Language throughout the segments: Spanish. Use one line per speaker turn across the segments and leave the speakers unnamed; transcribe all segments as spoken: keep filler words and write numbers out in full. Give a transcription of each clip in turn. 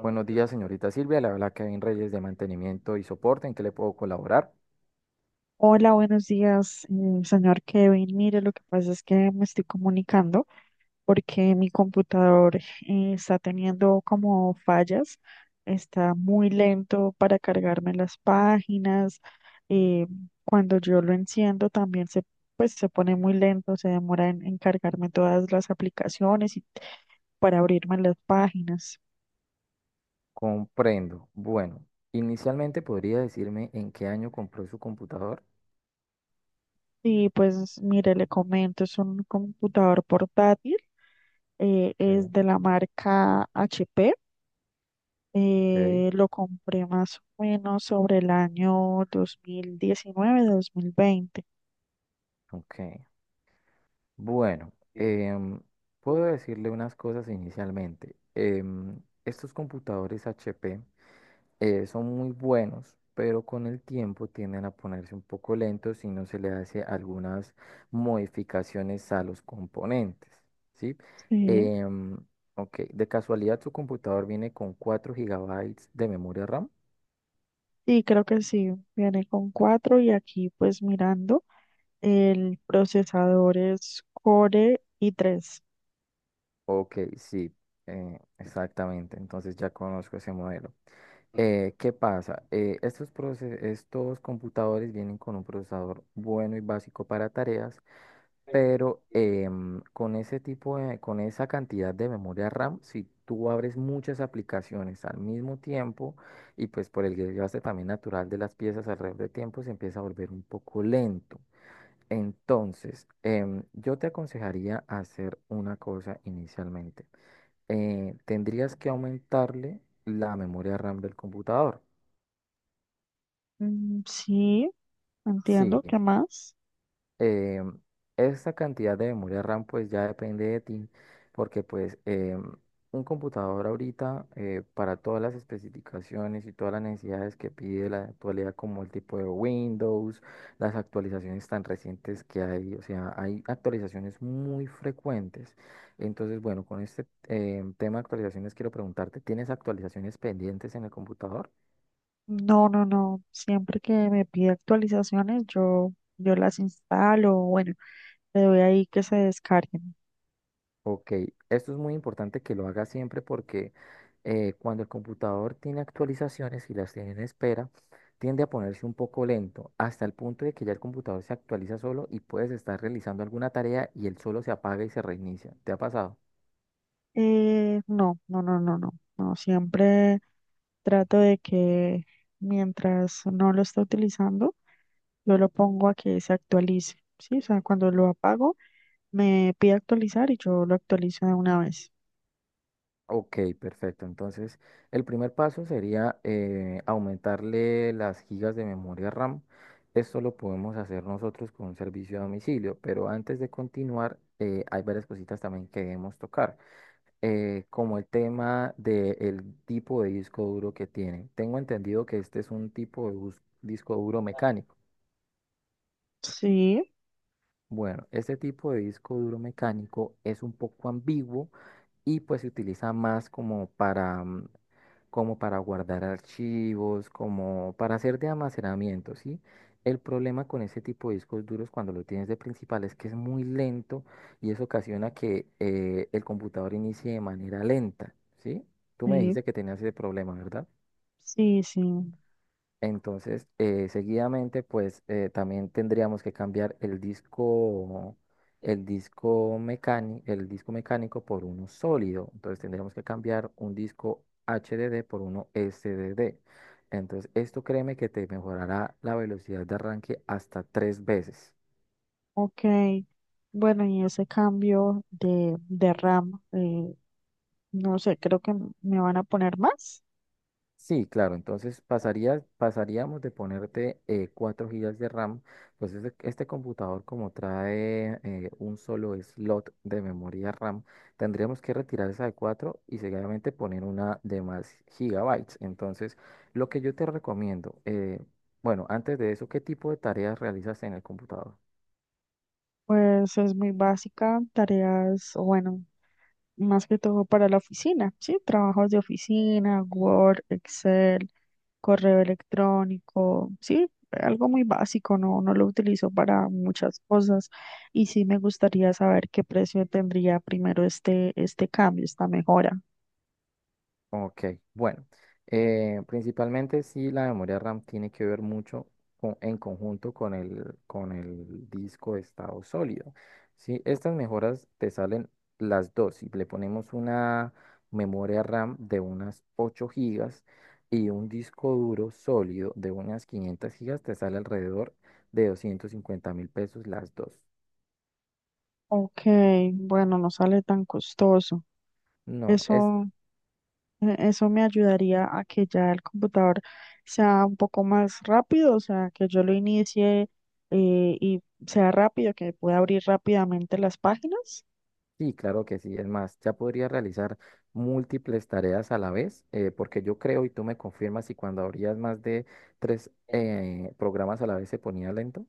Buenos días, señorita Silvia. La habla Kevin Reyes de Mantenimiento y Soporte. ¿En qué le puedo colaborar?
Hola, buenos días, eh, señor Kevin. Mire, lo que pasa es que me estoy comunicando porque mi computador eh, está teniendo como fallas, está muy lento para cargarme las páginas. eh, Cuando yo lo enciendo también se, pues, se pone muy lento, se demora en, en cargarme todas las aplicaciones y para abrirme las páginas.
Comprendo. Bueno, inicialmente podría decirme en qué año compró su computador.
Sí, pues mire, le comento, es un computador portátil, eh, es
Ok.
de la marca H P,
Ok.
eh, lo compré más o menos sobre el año dos dos mil diecinueve mil veinte.
Ok. Bueno, em, puedo decirle unas cosas inicialmente. Em, estos computadores H P, eh, son muy buenos, pero con el tiempo tienden a ponerse un poco lentos si no se le hace algunas modificaciones a los componentes, ¿sí?
Sí,
Em, ok, de casualidad su computador viene con cuatro gigabytes de memoria RAM.
sí, creo que sí, viene con cuatro y aquí pues mirando, el procesador es Core i tres.
Ok, sí, eh, exactamente. Entonces ya conozco ese modelo. Eh, ¿qué pasa? Eh, estos, proces- estos computadores vienen con un procesador bueno y básico para tareas, pero em, con ese tipo de, con esa cantidad de memoria RAM, si tú abres muchas aplicaciones al mismo tiempo y pues por el desgaste también natural de las piezas alrededor de tiempo, se empieza a volver un poco lento. Entonces, em, yo te aconsejaría hacer una cosa inicialmente. Eh, tendrías que aumentarle la memoria RAM del computador.
Mm, sí,
Sí.
entiendo, ¿qué más?
Eh, esa cantidad de memoria RAM pues ya depende de ti, porque pues eh, un computador ahorita eh, para todas las especificaciones y todas las necesidades que pide la actualidad como el tipo de Windows, las actualizaciones tan recientes que hay, o sea, hay actualizaciones muy frecuentes. Entonces, bueno, con este eh, tema de actualizaciones quiero preguntarte, ¿tienes actualizaciones pendientes en el computador?
No, no, no. Siempre que me pide actualizaciones, yo, yo las instalo. Bueno, le doy ahí que se descarguen.
Ok. Esto es muy importante que lo haga siempre porque eh, cuando el computador tiene actualizaciones y las tiene en espera, tiende a ponerse un poco lento, hasta el punto de que ya el computador se actualiza solo y puedes estar realizando alguna tarea y él solo se apaga y se reinicia. ¿Te ha pasado?
Eh, no, no, no, no, no. No, siempre trato de que mientras no lo esté utilizando, yo lo pongo a que se actualice. Sí, o sea, cuando lo apago, me pide actualizar y yo lo actualizo de una vez.
Ok, perfecto. Entonces, el primer paso sería eh, aumentarle las gigas de memoria RAM. Esto lo podemos hacer nosotros con un servicio a domicilio, pero antes de continuar, eh, hay varias cositas también que debemos tocar. eh, como el tema del tipo de disco duro que tiene. Tengo entendido que este es un tipo de bus- disco duro mecánico.
Sí,
Bueno, este tipo de disco duro mecánico es un poco ambiguo y pues se utiliza más como para, mm, como para guardar archivos, como para hacer de almacenamiento, ¿sí? El problema con ese tipo de discos duros cuando lo tienes de principal es que es muy lento y eso ocasiona que eh, el computador inicie de manera lenta, ¿sí? Tú me
sí,
dijiste que tenías ese problema, ¿verdad?
sí, sí.
Entonces, eh, seguidamente, pues eh, también tendríamos que cambiar el disco, el disco mecánico, el disco mecánico por uno sólido. Entonces, tendríamos que cambiar un disco H D D por uno S D D. Entonces, esto créeme que te mejorará la velocidad de arranque hasta tres veces.
Ok. Bueno, y ese cambio de, de RAM. eh, No sé, creo que m- me van a poner más.
Sí, claro, entonces pasaría, pasaríamos de ponerte eh, cuatro gigas de RAM. Pues este, este computador como trae eh, un solo slot de memoria RAM, tendríamos que retirar esa de cuatro y seguidamente poner una de más gigabytes. Entonces, lo que yo te recomiendo, eh, bueno, antes de eso, ¿qué tipo de tareas realizas en el computador?
Pues es muy básica, tareas, o bueno, más que todo para la oficina, ¿sí? Trabajos de oficina, Word, Excel, correo electrónico, ¿sí? Algo muy básico, no, no lo utilizo para muchas cosas y sí me gustaría saber qué precio tendría primero este, este cambio, esta mejora.
Ok, bueno, eh, principalmente sí la memoria RAM tiene que ver mucho con- en conjunto con el, con el disco de estado sólido. ¿Sí? Estas mejoras te salen las dos. Y le ponemos una memoria RAM de unas ocho gigas y un disco duro sólido de unas quinientas gigas. Te sale alrededor de doscientos cincuenta mil pesos las dos.
Ok, bueno, no sale tan costoso.
No, es.
Eso E- Eso me ayudaría a que ya el computador sea un poco más rápido, o sea, que yo lo inicie eh, y sea rápido, que pueda abrir rápidamente las páginas.
Sí, claro que sí. Es más, ya podría realizar múltiples tareas a la vez, eh, porque yo creo y tú me confirmas si cuando abrías más de tres eh, programas a la vez se ponía lento.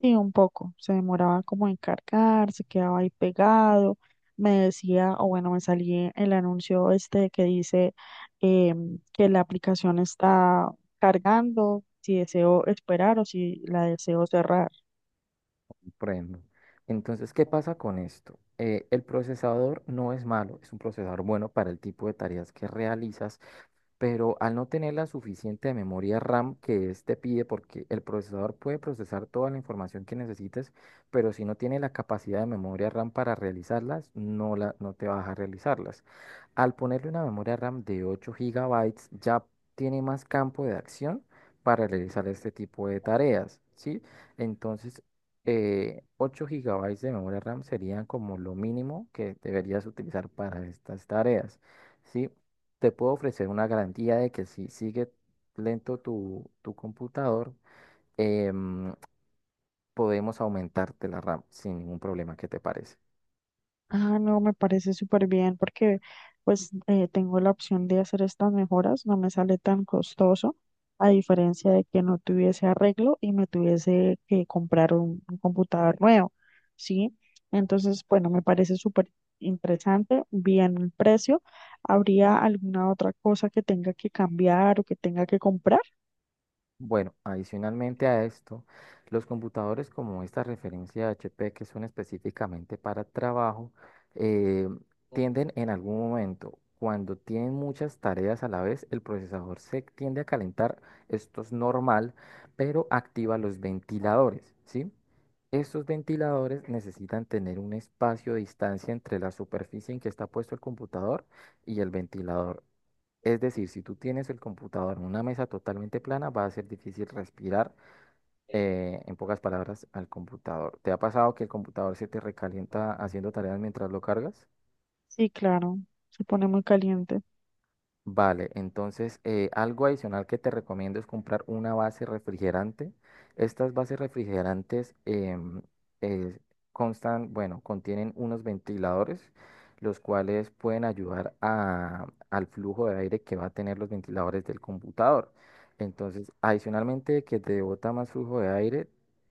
Y un poco, se demoraba como en cargar, se quedaba ahí pegado. Me decía, o bueno, me salía el anuncio este que dice em, que la aplicación está cargando, si deseo esperar o si la deseo cerrar.
Prendo. Entonces, ¿qué pasa con esto? Eh, el procesador no es malo, es un procesador bueno para el tipo de tareas que realizas, pero al no tener la suficiente memoria RAM que este pide, porque el procesador puede procesar toda la información que necesites, pero si no tiene la capacidad de memoria RAM para realizarlas, no, la, no te vas a realizarlas. Al ponerle una memoria RAM de ocho gigabytes ya tiene más campo de acción para realizar este tipo de tareas, ¿sí? Entonces, eh, ocho gigabytes de memoria RAM serían como lo mínimo que deberías utilizar para estas tareas, ¿sí? Te puedo ofrecer una garantía de que si sigue lento tu, tu computador, em, podemos aumentarte la RAM sin ningún problema. ¿Qué te parece?
Ah, no, me parece súper bien porque pues eh, tengo la opción de hacer estas mejoras, no me sale tan costoso, a diferencia de que no tuviese arreglo y me tuviese que comprar un, un computador nuevo, ¿sí? Entonces, bueno, me parece súper interesante, bien el precio. ¿Habría alguna otra cosa que tenga que cambiar o que tenga que comprar?
Bueno, adicionalmente a esto, los computadores como esta referencia de H P que son específicamente para trabajo, eh, tienden en algún momento, cuando tienen muchas tareas a la vez, el procesador se tiende a calentar. Esto es normal, pero activa los ventiladores, ¿sí? Estos ventiladores necesitan tener un espacio de distancia entre la superficie en que está puesto el computador y el ventilador. Es decir, si tú tienes el computador en una mesa totalmente plana, va a ser difícil respirar, eh, en pocas palabras, al computador. ¿Te ha pasado que el computador se te recalienta haciendo tareas mientras lo cargas?
Sí, claro, se pone muy caliente.
Vale, entonces eh, algo adicional que te recomiendo es comprar una base refrigerante. Estas bases refrigerantes em, eh, constan, bueno, contienen unos ventiladores, los cuales pueden ayudar a- al flujo de aire que va a tener los ventiladores del computador. Entonces, adicionalmente de que te bota más flujo de aire,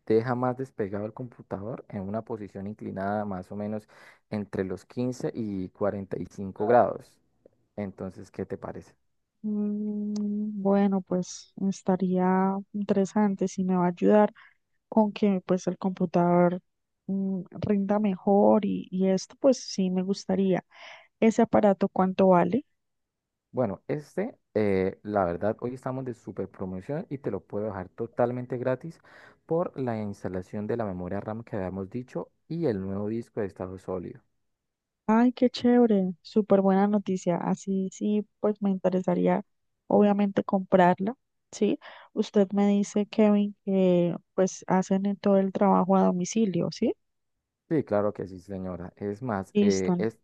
deja más despegado el computador en una posición inclinada más o menos entre los quince y cuarenta y cinco grados. Entonces, ¿qué te parece?
Mm. Bueno, pues estaría interesante si me va a ayudar con que pues el computador mm, rinda mejor y, y esto pues sí me gustaría. ¿Ese aparato cuánto vale?
Bueno, este, eh, la verdad, hoy estamos de super promoción y te lo puedo dejar totalmente gratis por la instalación de la memoria RAM que habíamos dicho y el nuevo disco de estado sólido.
Ay, qué chévere, súper buena noticia. Así sí, pues me interesaría obviamente comprarla, ¿sí? Usted me dice, Kevin, que pues hacen en todo el trabajo a domicilio, ¿sí?
Sí, claro que sí, señora. Es más, eh,
Listo.
es,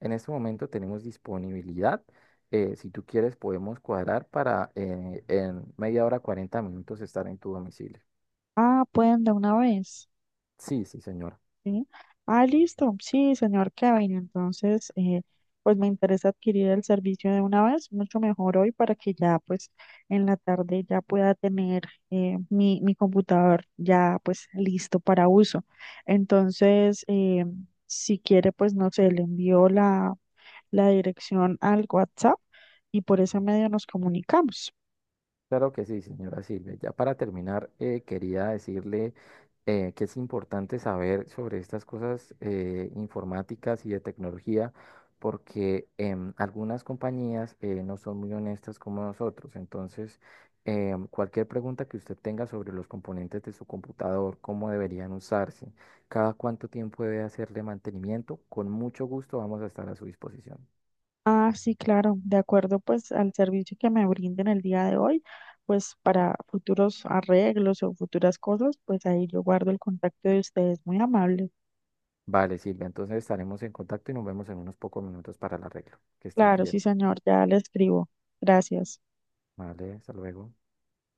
en este momento tenemos disponibilidad. eh, si tú quieres, podemos cuadrar para eh, en media hora, cuarenta minutos estar en tu domicilio.
Ah, pueden de una vez.
Sí, sí, señora.
Sí. Ah, listo. Sí, señor Kevin. Entonces, eh, pues me interesa adquirir el servicio de una vez, mucho mejor hoy para que ya, pues, en la tarde ya pueda tener eh, mi, mi computador ya, pues, listo para uso. Entonces, eh, si quiere, pues, no sé, le envío la, la dirección al WhatsApp y por ese medio nos comunicamos.
Claro que sí, señora Silvia. Ya para terminar, eh, quería decirle eh, que es importante saber sobre estas cosas eh, informáticas y de tecnología, porque em, algunas compañías eh, no son muy honestas como nosotros. Entonces, em, cualquier pregunta que usted tenga sobre los componentes de su computador, cómo deberían usarse, cada cuánto tiempo debe hacerle mantenimiento, con mucho gusto vamos a estar a su disposición.
Ah, sí, claro, de acuerdo pues al servicio que me brinden el día de hoy, pues para futuros arreglos o futuras cosas, pues ahí yo guardo el contacto de ustedes, muy amable.
Vale, Silvia, entonces estaremos en contacto y nos vemos en unos pocos minutos para el arreglo. Que estés
Claro, sí,
bien.
señor, ya le escribo. Gracias.
Vale, hasta luego.